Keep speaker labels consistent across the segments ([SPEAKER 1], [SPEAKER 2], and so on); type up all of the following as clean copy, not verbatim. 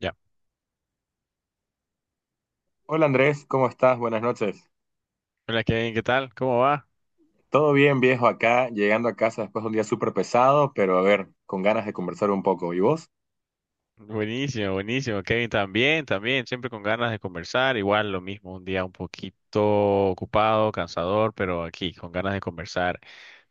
[SPEAKER 1] Ya.
[SPEAKER 2] Hola Andrés, ¿cómo estás? Buenas noches.
[SPEAKER 1] Hola Kevin, ¿qué tal? ¿Cómo va?
[SPEAKER 2] Todo bien, viejo, acá, llegando a casa después de un día súper pesado, pero a ver, con ganas de conversar un poco. ¿Y vos?
[SPEAKER 1] Buenísimo, buenísimo. Kevin, también, siempre con ganas de conversar. Igual lo mismo, un día un poquito ocupado, cansador, pero aquí, con ganas de conversar.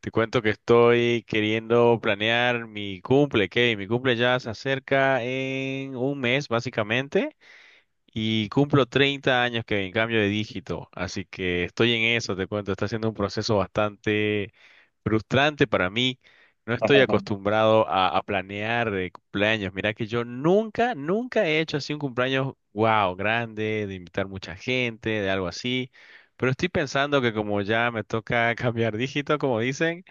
[SPEAKER 1] Te cuento que estoy queriendo planear mi cumple, Kevin. Mi cumple ya se acerca en un mes, básicamente. Y cumplo 30 años que en cambio de dígito, así que estoy en eso, te cuento, está siendo un proceso bastante frustrante para mí. No estoy acostumbrado a planear de cumpleaños. Mira que yo nunca he hecho así un cumpleaños, wow, grande, de invitar mucha gente, de algo así. Pero estoy pensando que como ya me toca cambiar dígito, como dicen,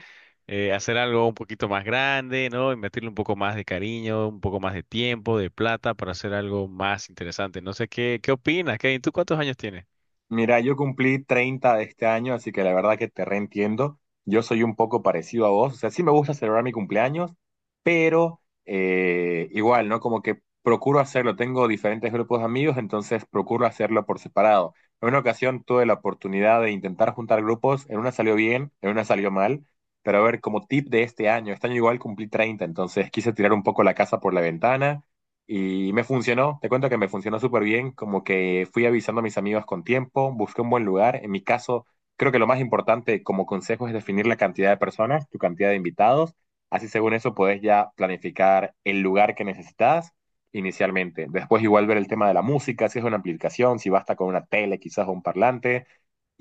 [SPEAKER 1] hacer algo un poquito más grande, ¿no? Y meterle un poco más de cariño, un poco más de tiempo, de plata para hacer algo más interesante. No sé qué opinas, Kevin. ¿Tú cuántos años tienes?
[SPEAKER 2] Mira, yo cumplí 30 de este año, así que la verdad que te reentiendo. Yo soy un poco parecido a vos, o sea, sí me gusta celebrar mi cumpleaños, pero igual, ¿no? Como que procuro hacerlo, tengo diferentes grupos de amigos, entonces procuro hacerlo por separado. En una ocasión tuve la oportunidad de intentar juntar grupos, en una salió bien, en una salió mal, pero a ver, como tip de este año igual cumplí 30, entonces quise tirar un poco la casa por la ventana y me funcionó, te cuento que me funcionó súper bien, como que fui avisando a mis amigos con tiempo, busqué un buen lugar. En mi caso, creo que lo más importante como consejo es definir la cantidad de personas, tu cantidad de invitados. Así según eso podés ya planificar el lugar que necesitas inicialmente. Después igual ver el tema de la música, si es una aplicación, si basta con una tele quizás o un parlante.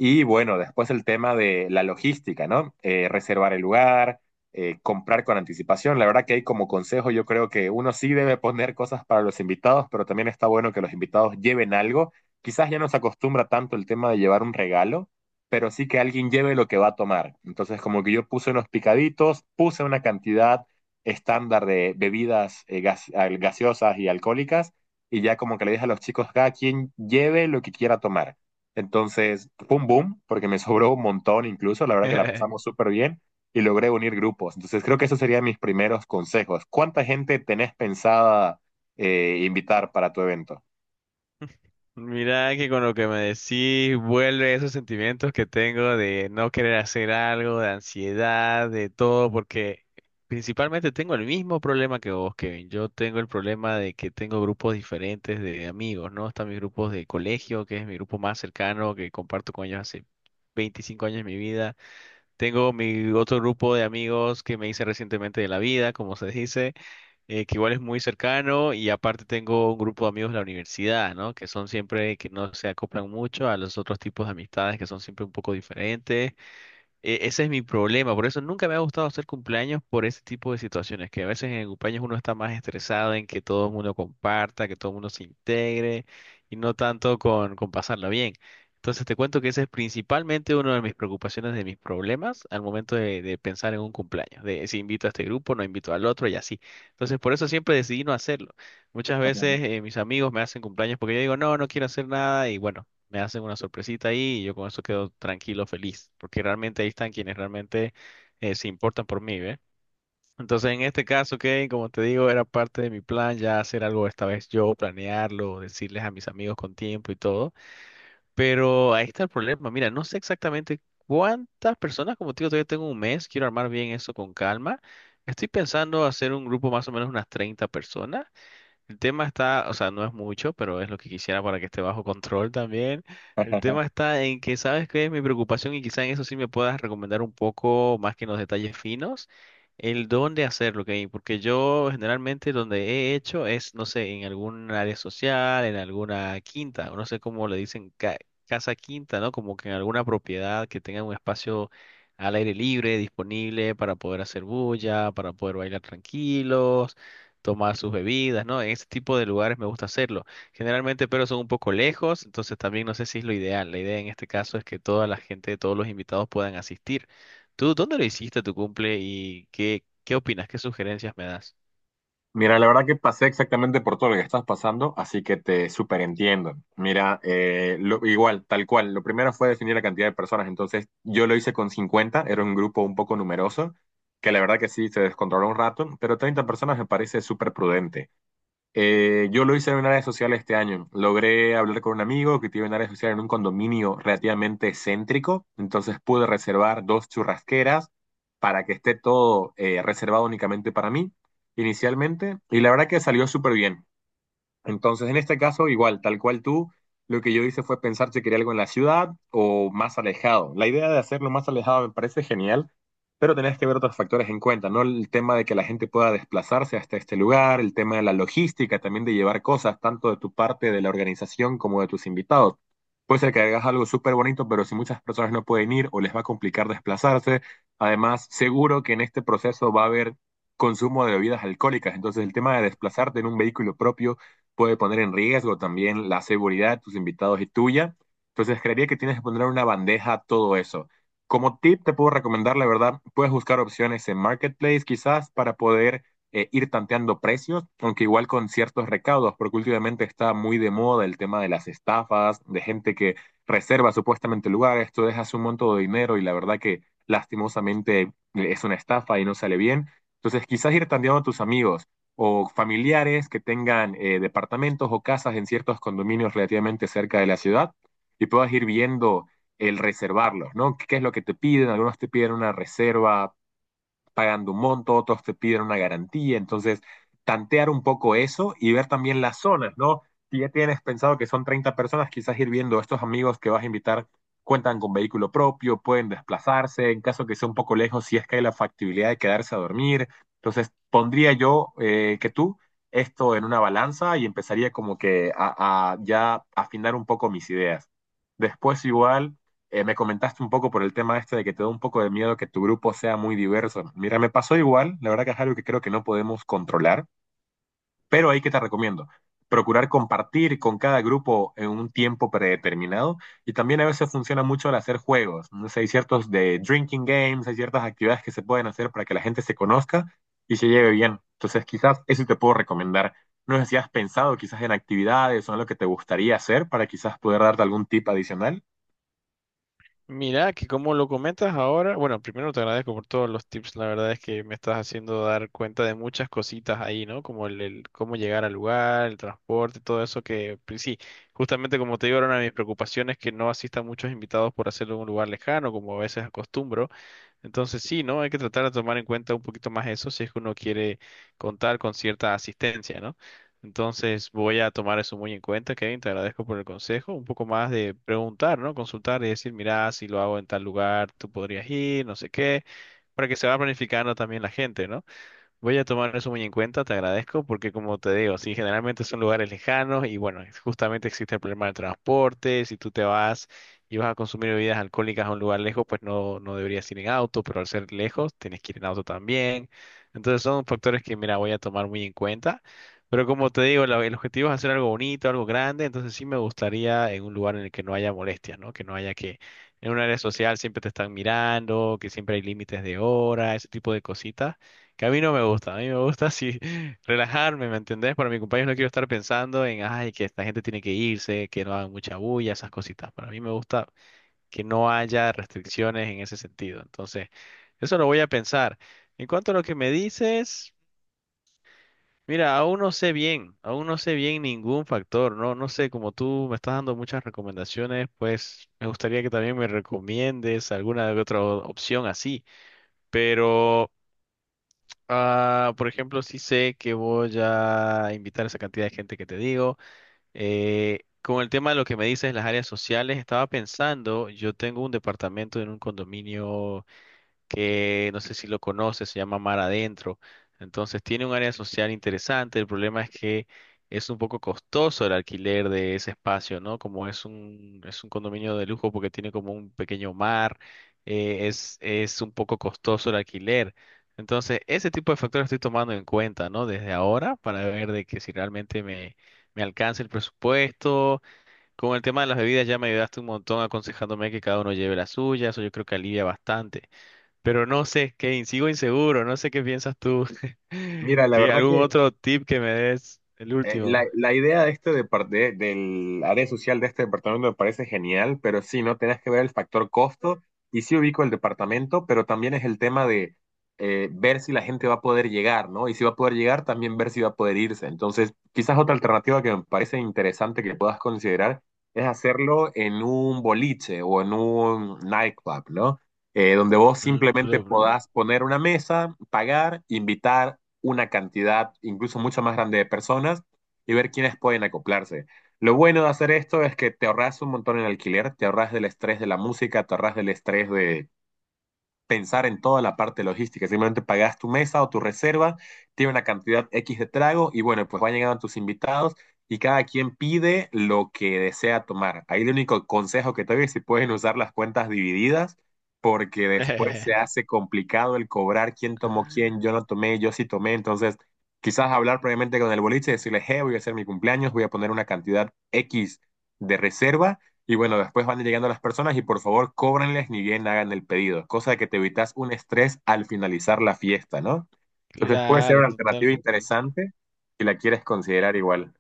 [SPEAKER 2] Y bueno, después el tema de la logística, ¿no? Reservar el lugar comprar con anticipación. La verdad que hay como consejo, yo creo que uno sí debe poner cosas para los invitados, pero también está bueno que los invitados lleven algo. Quizás ya no se acostumbra tanto el tema de llevar un regalo, pero sí que alguien lleve lo que va a tomar. Entonces, como que yo puse unos picaditos, puse una cantidad estándar de bebidas gaseosas y alcohólicas, y ya como que le dije a los chicos, cada quien lleve lo que quiera tomar. Entonces, boom, boom, porque me sobró un montón incluso, la verdad que la pasamos súper bien y logré unir grupos. Entonces creo que esos serían mis primeros consejos. ¿Cuánta gente tenés pensada invitar para tu evento?
[SPEAKER 1] Mira que con lo que me decís vuelve esos sentimientos que tengo de no querer hacer algo, de ansiedad, de todo, porque principalmente tengo el mismo problema que vos, Kevin. Yo tengo el problema de que tengo grupos diferentes de amigos, ¿no? Están mis grupos de colegio, que es mi grupo más cercano, que comparto con ellos hace 25 años de mi vida. Tengo mi otro grupo de amigos que me hice recientemente de la vida, como se dice que igual es muy cercano y aparte tengo un grupo de amigos de la universidad, ¿no? Que son siempre que no se acoplan mucho a los otros tipos de amistades que son siempre un poco diferentes ese es mi problema, por eso nunca me ha gustado hacer cumpleaños por ese tipo de situaciones, que a veces en el cumpleaños uno está más estresado en que todo el mundo comparta, que todo el mundo se integre y no tanto con pasarla bien. Entonces te cuento que ese es principalmente uno de mis preocupaciones, de mis problemas al momento de pensar en un cumpleaños, de si invito a este grupo, no invito al otro y así. Entonces por eso siempre decidí no hacerlo. Muchas veces mis amigos me hacen cumpleaños porque yo digo, no, no quiero hacer nada y bueno me hacen una sorpresita ahí y yo con eso quedo tranquilo, feliz, porque realmente ahí están quienes realmente se importan por mí, ¿ve? Entonces, en este caso, Kevin, como te digo, era parte de mi plan ya hacer algo esta vez yo, planearlo, decirles a mis amigos con tiempo y todo. Pero ahí está el problema. Mira, no sé exactamente cuántas personas, como te digo, todavía tengo un mes, quiero armar bien eso con calma. Estoy pensando hacer un grupo más o menos unas 30 personas, el tema está, o sea, no es mucho, pero es lo que quisiera para que esté bajo control también. El tema está en que sabes que es mi preocupación y quizá en eso sí me puedas recomendar un poco más que en los detalles finos, el dónde hacerlo, ¿ok? Porque yo generalmente donde he hecho es, no sé, en algún área social, en alguna quinta, o no sé cómo le dicen casa quinta, ¿no? Como que en alguna propiedad que tenga un espacio al aire libre, disponible para poder hacer bulla, para poder bailar tranquilos, tomar sus bebidas, ¿no? En ese tipo de lugares me gusta hacerlo. Generalmente, pero son un poco lejos, entonces también no sé si es lo ideal. La idea en este caso es que toda la gente, todos los invitados puedan asistir. ¿Tú dónde lo hiciste tu cumple y qué opinas? ¿Qué sugerencias me das?
[SPEAKER 2] Mira, la verdad que pasé exactamente por todo lo que estás pasando, así que te súper entiendo. Mira, igual, tal cual, lo primero fue definir la cantidad de personas, entonces yo lo hice con 50, era un grupo un poco numeroso, que la verdad que sí, se descontroló un rato, pero 30 personas me parece súper prudente. Yo lo hice en una área social este año. Logré hablar con un amigo que tiene un área social en un condominio relativamente céntrico, entonces pude reservar dos churrasqueras para que esté todo reservado únicamente para mí inicialmente y la verdad que salió súper bien. Entonces, en este caso, igual, tal cual tú, lo que yo hice fue pensar si quería algo en la ciudad o más alejado. La idea de hacerlo más alejado me parece genial, pero tenés que ver otros factores en cuenta, ¿no? El tema de que la gente pueda desplazarse hasta este lugar, el tema de la logística, también de llevar cosas, tanto de tu parte de la organización como de tus invitados. Puede ser que hagas algo súper bonito, pero si muchas personas no pueden ir o les va a complicar desplazarse, además, seguro que en este proceso va a haber consumo de bebidas alcohólicas, entonces el tema de desplazarte en un vehículo propio puede poner en riesgo también la seguridad de tus invitados y tuya. Entonces, creería que tienes que poner una bandeja a todo eso. Como tip, te puedo recomendar, la verdad, puedes buscar opciones en Marketplace quizás para poder ir tanteando precios, aunque igual con ciertos recaudos, porque últimamente está muy de moda el tema de las estafas, de gente que reserva supuestamente lugares, tú dejas un monto de dinero y la verdad que lastimosamente es una estafa y no sale bien. Entonces, quizás ir tanteando a tus amigos o familiares que tengan departamentos o casas en ciertos condominios relativamente cerca de la ciudad y puedas ir viendo el reservarlos, ¿no? ¿Qué es lo que te piden? Algunos te piden una reserva pagando un monto, otros te piden una garantía, entonces tantear un poco eso y ver también las zonas, ¿no? Si ya tienes pensado que son 30 personas, quizás ir viendo estos amigos que vas a invitar cuentan con vehículo propio, pueden desplazarse, en caso que sea un poco lejos, si es que hay la factibilidad de quedarse a dormir. Entonces, pondría yo que tú esto en una balanza y empezaría como que a ya afinar un poco mis ideas. Después igual me comentaste un poco por el tema este de que te da un poco de miedo que tu grupo sea muy diverso. Mira, me pasó igual, la verdad que es algo que creo que no podemos controlar, pero ahí que te recomiendo. Procurar compartir con cada grupo en un tiempo predeterminado y también a veces funciona mucho el hacer juegos. No sé, hay ciertos de drinking games, hay ciertas actividades que se pueden hacer para que la gente se conozca y se lleve bien. Entonces, quizás eso te puedo recomendar. No sé si has pensado quizás en actividades o en lo que te gustaría hacer para quizás poder darte algún tip adicional.
[SPEAKER 1] Mira, que como lo comentas ahora, bueno, primero te agradezco por todos los tips, la verdad es que me estás haciendo dar cuenta de muchas cositas ahí, ¿no? Como el cómo llegar al lugar, el transporte, todo eso que, pues sí, justamente como te digo, era una de mis preocupaciones que no asistan muchos invitados por hacerlo en un lugar lejano, como a veces acostumbro. Entonces sí, ¿no? Hay que tratar de tomar en cuenta un poquito más eso si es que uno quiere contar con cierta asistencia, ¿no? Entonces voy a tomar eso muy en cuenta, Kevin, te agradezco por el consejo, un poco más de preguntar, ¿no? Consultar y decir, mira, si lo hago en tal lugar, tú podrías ir, no sé qué, para que se va planificando también la gente, ¿no? Voy a tomar eso muy en cuenta, te agradezco, porque como te digo, sí, generalmente son lugares lejanos y bueno, justamente existe el problema del transporte, si tú te vas y vas a consumir bebidas alcohólicas a un lugar lejos, pues no, no deberías ir en auto, pero al ser lejos, tienes que ir en auto también. Entonces son factores que, mira, voy a tomar muy en cuenta, pero como te digo, el objetivo es hacer algo bonito, algo grande, entonces sí me gustaría en un lugar en el que no haya molestias, ¿no? Que no haya que, en un área social siempre te están mirando, que siempre hay límites de hora, ese tipo de cositas. Que a mí no me gusta, a mí me gusta así relajarme, ¿me entendés? Para mi cumpleaños no quiero estar pensando en, ay, que esta gente tiene que irse, que no hagan mucha bulla, esas cositas. Para mí me gusta que no haya restricciones en ese sentido. Entonces, eso lo voy a pensar. En cuanto a lo que me dices, mira, aún no sé bien ningún factor, ¿no? No sé, como tú me estás dando muchas recomendaciones, pues me gustaría que también me recomiendes alguna otra opción así, pero... Ah, por ejemplo, sí sé que voy a invitar a esa cantidad de gente que te digo. Con el tema de lo que me dices, las áreas sociales, estaba pensando, yo tengo un departamento en un condominio que no sé si lo conoces, se llama Mar Adentro. Entonces tiene un área social interesante. El problema es que es un poco costoso el alquiler de ese espacio, ¿no? Como es es un condominio de lujo porque tiene como un pequeño mar, es un poco costoso el alquiler. Entonces, ese tipo de factores estoy tomando en cuenta, ¿no? Desde ahora para ver de que si realmente me alcanza el presupuesto. Con el tema de las bebidas ya me ayudaste un montón aconsejándome que cada uno lleve la suya, eso yo creo que alivia bastante. Pero no sé, Kane, sigo inseguro, no sé qué piensas tú.
[SPEAKER 2] Mira, la
[SPEAKER 1] ¿Qué,
[SPEAKER 2] verdad
[SPEAKER 1] algún
[SPEAKER 2] que
[SPEAKER 1] otro tip que me des? El
[SPEAKER 2] Eh, la,
[SPEAKER 1] último.
[SPEAKER 2] la idea de este del área social de este departamento me parece genial, pero sí, no tenés que ver el factor costo y sí ubico el departamento, pero también es el tema de ver si la gente va a poder llegar, ¿no? Y si va a poder llegar, también ver si va a poder irse. Entonces, quizás otra alternativa que me parece interesante que puedas considerar es hacerlo en un boliche o en un nightclub, ¿no? Donde vos
[SPEAKER 1] Un
[SPEAKER 2] simplemente
[SPEAKER 1] club, ¿no?
[SPEAKER 2] podás poner una mesa, pagar, invitar una cantidad incluso mucho más grande de personas y ver quiénes pueden acoplarse. Lo bueno de hacer esto es que te ahorras un montón en alquiler, te ahorras del estrés de la música, te ahorras del estrés de pensar en toda la parte logística. Simplemente pagas tu mesa o tu reserva, tiene una cantidad X de trago y bueno, pues van llegando tus invitados y cada quien pide lo que desea tomar. Ahí el único consejo que te doy es si pueden usar las cuentas divididas, porque después se hace complicado el cobrar quién tomó quién, yo no tomé, yo sí tomé, entonces quizás hablar previamente con el boliche y decirle, hey, voy a hacer mi cumpleaños, voy a poner una cantidad X de reserva y bueno, después van llegando las personas y por favor cóbrenles ni bien hagan el pedido, cosa de que te evitas un estrés al finalizar la fiesta, ¿no? Entonces puede ser
[SPEAKER 1] Claro,
[SPEAKER 2] una alternativa
[SPEAKER 1] totalmente.
[SPEAKER 2] interesante si la quieres considerar igual.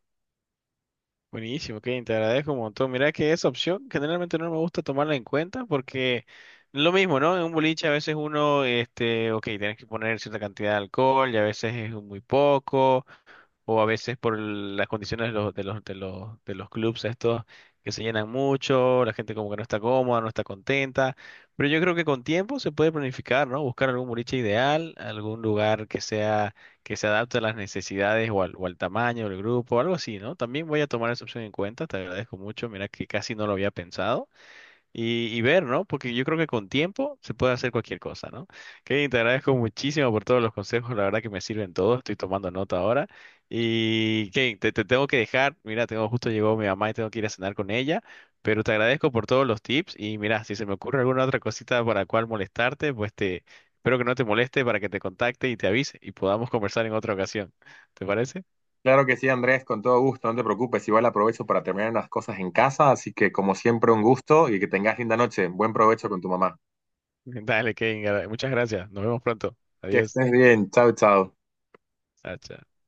[SPEAKER 1] Buenísimo, Kane, te agradezco un montón. Mira que esa opción generalmente no me gusta tomarla en cuenta porque lo mismo, ¿no? En un boliche a veces uno, este, ok, tienes que poner cierta cantidad de alcohol y a veces es muy poco, o a veces por las condiciones de los clubes estos que se llenan mucho, la gente como que no está cómoda, no está contenta, pero yo creo que con tiempo se puede planificar, ¿no? Buscar algún boliche ideal, algún lugar que sea, que se adapte a las necesidades o o al tamaño del grupo, algo así, ¿no? También voy a tomar esa opción en cuenta, te agradezco mucho, mira que casi no lo había pensado. Y ver, ¿no? Porque yo creo que con tiempo se puede hacer cualquier cosa, ¿no? Kevin, te agradezco muchísimo por todos los consejos, la verdad que me sirven todos, estoy tomando nota ahora. Y Kevin te tengo que dejar, mira, tengo, justo llegó mi mamá y tengo que ir a cenar con ella, pero te agradezco por todos los tips y mira, si se me ocurre alguna otra cosita para cual molestarte, pues te, espero que no te moleste para que te contacte y te avise y podamos conversar en otra ocasión. ¿Te parece?
[SPEAKER 2] Claro que sí, Andrés, con todo gusto, no te preocupes, igual aprovecho para terminar unas cosas en casa, así que como siempre un gusto y que tengas linda noche, buen provecho con tu mamá.
[SPEAKER 1] Dale, Kevin, muchas gracias. Nos vemos pronto.
[SPEAKER 2] Que
[SPEAKER 1] Adiós.
[SPEAKER 2] estés bien, chao, chao.
[SPEAKER 1] Chao, chao.